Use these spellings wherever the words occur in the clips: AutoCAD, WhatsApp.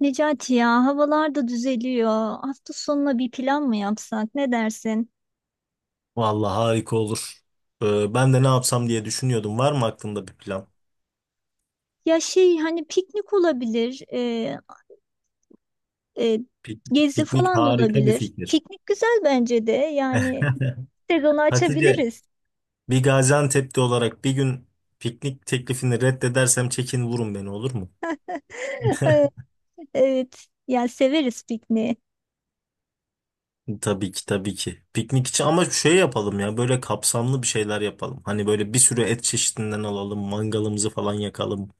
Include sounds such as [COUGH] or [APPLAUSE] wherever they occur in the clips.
Necati ya havalar da düzeliyor. Hafta sonuna bir plan mı yapsak? Ne dersin? Vallahi harika olur. Ben de ne yapsam diye düşünüyordum. Var mı aklında bir plan? Ya şey hani piknik olabilir, e, Pik- gezi Piknik falan da harika bir olabilir. fikir. Piknik güzel bence de. Yani [LAUGHS] sezonu Hatice, açabiliriz. bir Gaziantep'te olarak bir gün piknik teklifini reddedersem çekin vurun beni, olur mu? [LAUGHS] [LAUGHS] Evet, yani severiz pikniği. Tabii ki, tabii ki. Piknik için ama şey yapalım, ya böyle kapsamlı bir şeyler yapalım. Hani böyle bir sürü et çeşidinden alalım, mangalımızı falan yakalım.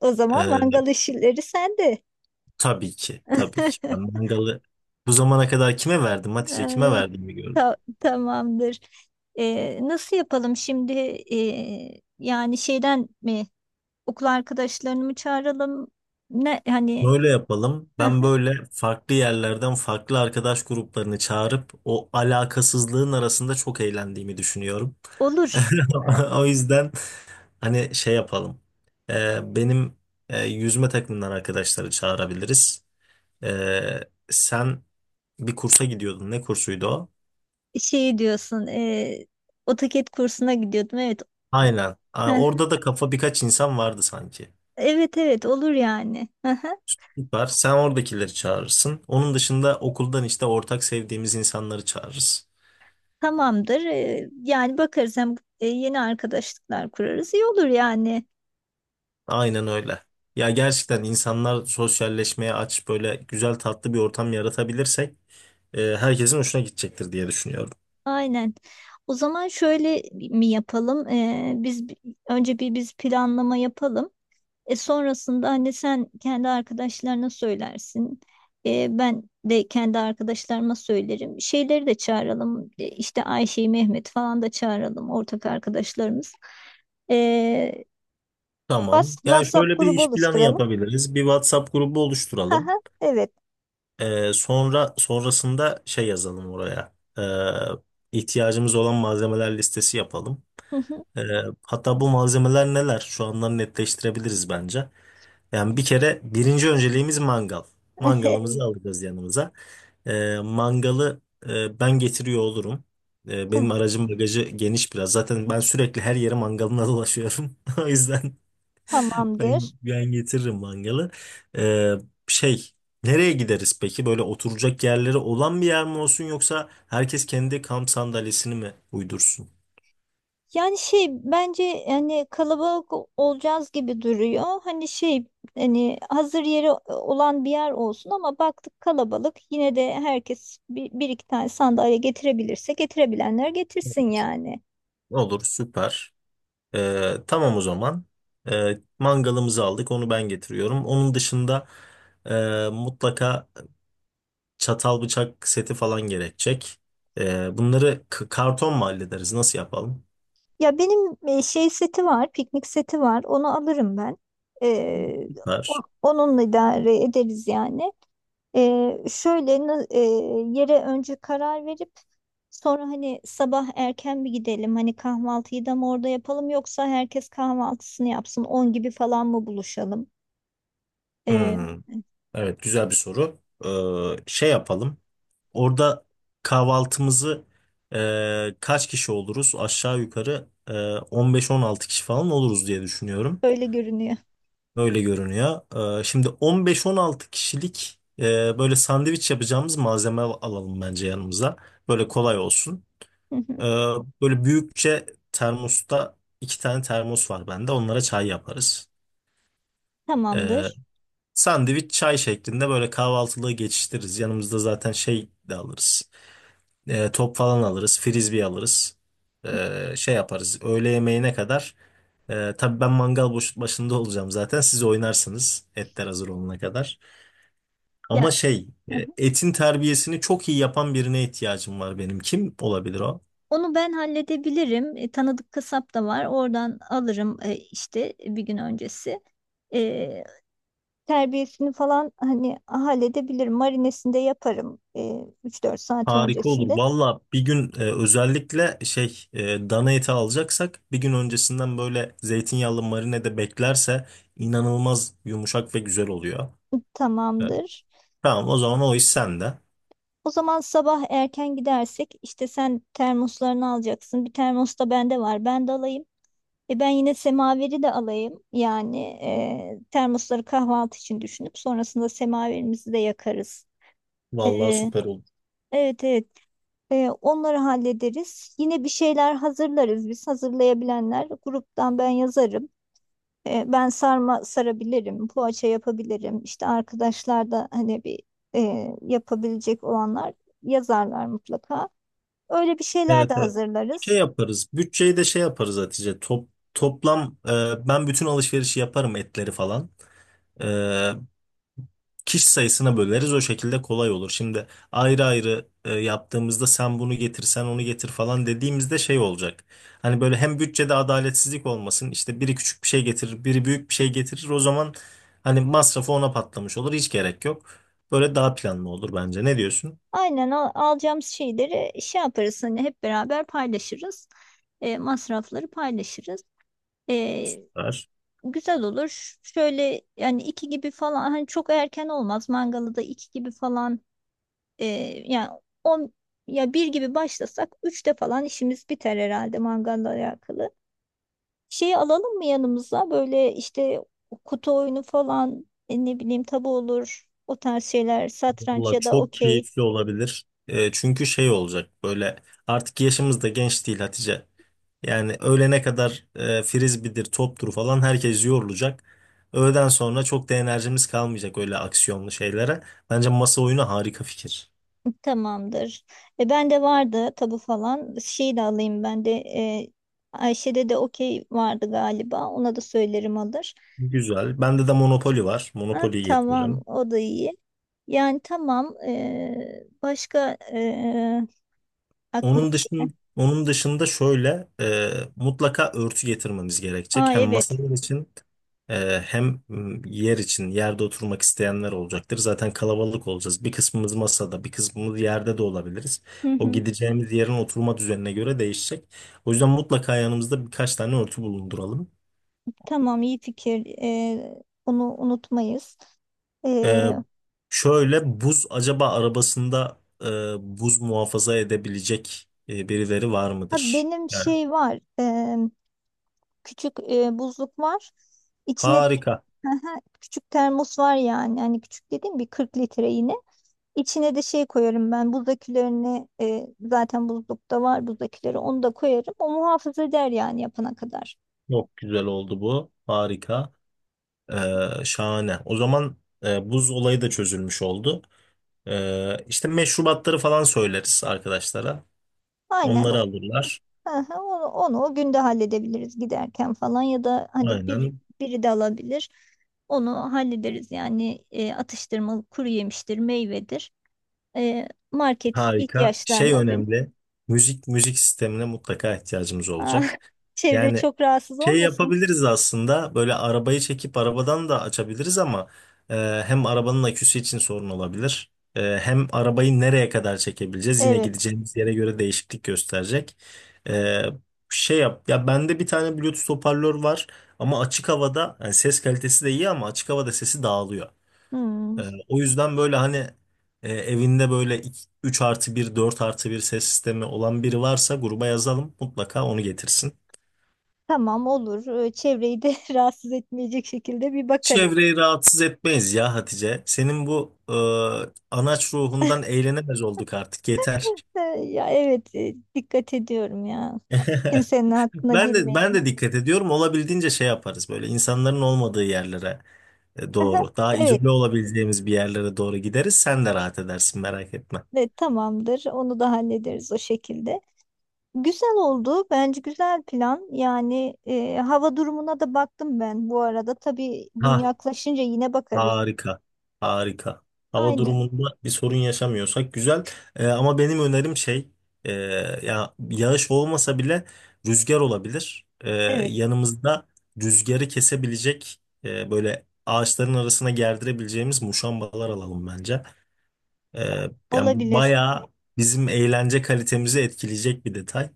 O zaman mangal Ee, işleri sende. tabii ki, tabii ki. Ben [LAUGHS] mangalı bu zamana kadar kime verdim E, Hatice, kime verdim bir… Tamamdır. E, nasıl yapalım şimdi? E, yani şeyden mi? Okul arkadaşlarını mı çağıralım? Ne hani Böyle yapalım. heh, Ben böyle farklı yerlerden farklı arkadaş gruplarını çağırıp o alakasızlığın arasında çok eğlendiğimi düşünüyorum. olur. [LAUGHS] O yüzden hani şey yapalım. Benim yüzme takımından arkadaşları çağırabiliriz. Ee, Sen bir kursa gidiyordun. Ne kursuydu o? Şey diyorsun, AutoCAD kursuna gidiyordum. Evet. Aynen. Aa, Heh, orada da kafa birkaç insan vardı sanki. evet evet olur yani. Hı hı, Süper. Sen oradakileri çağırırsın. Onun dışında okuldan işte ortak sevdiğimiz insanları çağırırız. tamamdır. Yani bakarız, hem yeni arkadaşlıklar kurarız. İyi olur yani. Aynen öyle. Ya gerçekten insanlar sosyalleşmeye aç, böyle güzel tatlı bir ortam yaratabilirsek herkesin hoşuna gidecektir diye düşünüyorum. Aynen. O zaman şöyle mi yapalım? Önce bir biz planlama yapalım. E sonrasında hani sen kendi arkadaşlarına söylersin. E, ben de kendi arkadaşlarıma söylerim. Şeyleri de çağıralım. E, işte Ayşe'yi, Mehmet falan da çağıralım. Ortak arkadaşlarımız. E, Tamam. Ya WhatsApp şöyle bir grubu iş planı oluşturalım. yapabiliriz. Bir WhatsApp grubu Haha, oluşturalım. evet. Sonrasında şey yazalım oraya. İhtiyacımız olan malzemeler listesi yapalım. [LAUGHS] E, Hatta bu malzemeler neler? Şu andan netleştirebiliriz bence. Yani bir kere birinci önceliğimiz mangal. Mangalımızı Evet, alacağız yanımıza. Mangalı ben getiriyor olurum. Ta- Benim aracım bagajı geniş biraz. Zaten ben sürekli her yere mangalına dolaşıyorum. [LAUGHS] O yüzden tamamdır. ben getiririm mangalı. Ee, şey, nereye gideriz peki? Böyle oturacak yerleri olan bir yer mi olsun, yoksa herkes kendi kamp sandalyesini mi uydursun? Yani şey bence hani kalabalık olacağız gibi duruyor. Hani şey hani hazır yeri olan bir yer olsun ama baktık kalabalık yine de herkes bir iki tane sandalye getirebilirse getirebilenler getirsin yani. Olur, süper. Tamam o zaman. Mangalımızı aldık, onu ben getiriyorum. Onun dışında mutlaka çatal bıçak seti falan gerekecek. Bunları karton mu hallederiz? Nasıl yapalım? Ya benim şey seti var, piknik seti var. Onu alırım ben. Ee, o- Ver. Onunla idare ederiz yani. Ee, şöyle na- e, Yere önce karar verip sonra hani sabah erken bir gidelim, hani kahvaltıyı da mı orada yapalım yoksa herkes kahvaltısını yapsın 10 gibi falan mı buluşalım? Ee, Hmm, evet, güzel bir soru. Şey yapalım. Orada kahvaltımızı kaç kişi oluruz? Aşağı yukarı 15-16 kişi falan oluruz diye düşünüyorum. öyle görünüyor. Öyle görünüyor. Şimdi 15-16 kişilik böyle sandviç yapacağımız malzeme alalım bence yanımıza. Böyle kolay olsun. Hı Ee, hı. Böyle büyükçe termosta 2 tane termos var bende. Onlara çay yaparız. Ee, Tamamdır. Sandviç çay şeklinde böyle kahvaltılığı geçiştiririz. Yanımızda zaten şey de alırız. Top falan alırız. Frisbee alırız. Şey yaparız. Öğle yemeğine kadar. Tabii ben mangal başında olacağım zaten. Siz oynarsınız etler hazır olana kadar. Ama Ya şey, hı hı, etin terbiyesini çok iyi yapan birine ihtiyacım var benim. Kim olabilir o? onu ben halledebilirim. E, tanıdık kasap da var. Oradan alırım işte bir gün öncesi. E, terbiyesini falan hani halledebilirim. Marinesini de yaparım 3-4 saat Harika olur. öncesinde. Valla bir gün özellikle şey, dana eti alacaksak bir gün öncesinden böyle zeytinyağlı marinede beklerse inanılmaz yumuşak ve güzel oluyor. E, Tamamdır. tamam o zaman, o iş sende. O zaman sabah erken gidersek işte sen termoslarını alacaksın. Bir termos da bende var. Ben de alayım. E ben yine semaveri de alayım. Yani termosları kahvaltı için düşünüp sonrasında semaverimizi de yakarız. E, Vallahi süper olur. evet evet. E, onları hallederiz. Yine bir şeyler hazırlarız biz. Hazırlayabilenler gruptan ben yazarım. E, ben sarma sarabilirim, poğaça yapabilirim. İşte arkadaşlar da hani yapabilecek olanlar yazarlar mutlaka. Öyle bir şeyler Evet, de evet. Şey hazırlarız. yaparız. Bütçeyi de şey yaparız Hatice. Toplam ben bütün alışverişi yaparım, etleri falan. E, Kişi sayısına böleriz, o şekilde kolay olur. Şimdi ayrı ayrı yaptığımızda sen bunu getir sen onu getir falan dediğimizde şey olacak. Hani böyle hem bütçede adaletsizlik olmasın, işte biri küçük bir şey getirir biri büyük bir şey getirir, o zaman hani masrafı ona patlamış olur, hiç gerek yok. Böyle daha planlı olur bence, ne diyorsun? Aynen, alacağımız şeyleri şey yaparız, hani hep beraber paylaşırız. E, masrafları paylaşırız. E, güzel olur. Şöyle yani iki gibi falan, hani çok erken olmaz. Mangalı da iki gibi falan, e, yani on ya bir gibi başlasak üçte falan işimiz biter herhalde mangalla alakalı. Şeyi alalım mı yanımıza? Böyle işte kutu oyunu falan, ne bileyim tabu olur. O tarz şeyler, satranç Valla ya da çok okey. keyifli olabilir. E, çünkü şey olacak, böyle artık yaşımız da genç değil Hatice. Yani öğlene kadar frisbee'dir, toptur falan, herkes yorulacak. Öğleden sonra çok da enerjimiz kalmayacak öyle aksiyonlu şeylere. Bence masa oyunu harika fikir. Tamamdır. E, ben de vardı tabu falan. Şeyi de alayım ben de. E, Ayşe'de de okey vardı galiba. Ona da söylerim alır. Güzel. Bende de Monopoly var. Ha, Monopoly'yi tamam getiririm. o da iyi. Yani tamam. e, başka e, aklına Onun dışında şöyle, mutlaka örtü getirmemiz Aa gerekecek. Hem evet. masalar için, hem yer için, yerde oturmak isteyenler olacaktır. Zaten kalabalık olacağız. Bir kısmımız masada, bir kısmımız yerde de olabiliriz. Hı O hı. gideceğimiz yerin oturma düzenine göre değişecek. O yüzden mutlaka yanımızda birkaç tane örtü bulunduralım. Tamam iyi fikir. Onu unutmayız. E, Ee, Şöyle buz, acaba arabasında e, buz muhafaza edebilecek birileri var ha mıdır? benim Yani şey var. Küçük buzluk var. İçine de harika. [LAUGHS] Aha, küçük termos var yani. Hani küçük dediğim bir 40 litre yine. İçine de şey koyarım ben. Buzdakilerini zaten buzlukta var buzdakileri. Onu da koyarım. O muhafaza eder yani yapana kadar. Çok güzel oldu bu. Harika. Şahane. O zaman buz olayı da çözülmüş oldu. İşte meşrubatları falan söyleriz arkadaşlara. Aynen. Onları alırlar. Aha, onu o günde halledebiliriz giderken falan ya da hani Aynen. biri de alabilir. Onu hallederiz yani, atıştırmalık, kuru yemiştir, meyvedir. E, market Harika. Şey ihtiyaçlarını o gün. önemli. Müzik sistemine mutlaka ihtiyacımız Ah, olacak. [LAUGHS] çevre Yani çok rahatsız şey olmasın. yapabiliriz aslında, böyle arabayı çekip arabadan da açabiliriz ama e, hem arabanın aküsü için sorun olabilir. E, hem arabayı nereye kadar çekebileceğiz yine Evet. gideceğimiz yere göre değişiklik gösterecek. E, şey yap ya bende bir tane Bluetooth hoparlör var ama açık havada, yani ses kalitesi de iyi ama açık havada sesi dağılıyor. Hmm, E, O yüzden böyle hani, evinde böyle 3+1, 4+1 ses sistemi olan biri varsa gruba yazalım, mutlaka onu getirsin. tamam olur. E, çevreyi de [LAUGHS] rahatsız etmeyecek şekilde bir bakarız. Çevreyi rahatsız etmeyiz ya Hatice. Senin bu anaç ruhundan eğlenemez olduk artık, yeter. E, ya evet dikkat ediyorum ya. [LAUGHS] Kimsenin hakkına Ben de ben girmeyelim. de dikkat ediyorum. Olabildiğince şey yaparız, böyle insanların olmadığı yerlere [LAUGHS] doğru. Daha Evet, evet, izole olabileceğimiz bir yerlere doğru gideriz. Sen de rahat edersin, merak etme. Tamamdır. Onu da hallederiz o şekilde. Güzel oldu. Bence güzel plan. Yani hava durumuna da baktım ben bu arada. Tabii gün Ha, yaklaşınca yine bakarız. harika. Harika. Hava Aynen. durumunda bir sorun yaşamıyorsak güzel. Ama benim önerim şey, e, ya yağış olmasa bile rüzgar olabilir. Evet, Yanımızda rüzgarı kesebilecek, böyle ağaçların arasına gerdirebileceğimiz muşambalar alalım bence. Yani bu olabilir. bayağı bizim eğlence kalitemizi etkileyecek bir detay.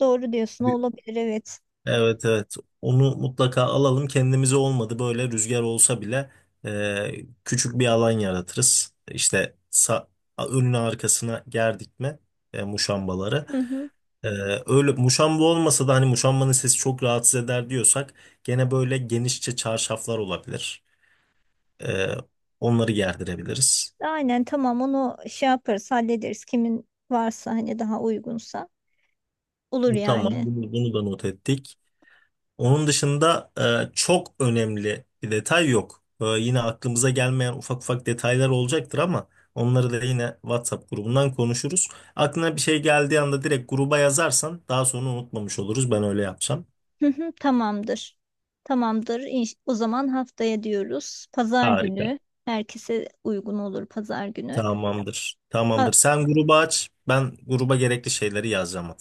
Doğru diyorsun, olabilir. Evet. Evet, evet, onu mutlaka alalım kendimize, olmadı böyle rüzgar olsa bile e, küçük bir alan yaratırız, işte önüne arkasına gerdik mi muşambaları… Hı hı. E, öyle muşamba olmasa da hani muşambanın sesi çok rahatsız eder diyorsak gene böyle genişçe çarşaflar olabilir. E, Onları gerdirebiliriz. Aynen tamam, onu şey yaparız, hallederiz. Kimin varsa, hani daha uygunsa olur Tamam, yani. bunu da not ettik. Onun dışında çok önemli bir detay yok. E, yine aklımıza gelmeyen ufak ufak detaylar olacaktır ama onları da yine WhatsApp grubundan konuşuruz. Aklına bir şey geldiği anda direkt gruba yazarsan daha sonra unutmamış oluruz. Ben öyle yapacağım. Hı hı, tamamdır. Tamamdır. O zaman haftaya diyoruz. Pazar Harika. günü. Herkese uygun olur pazar günü. Tamamdır. Ha, Tamamdır. Sen grubu aç, ben gruba gerekli şeyleri yazacağım.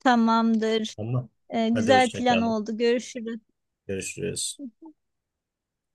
tamamdır. Tamam. Hadi Güzel hoşça plan kalın. oldu. Görüşürüz. Görüşürüz.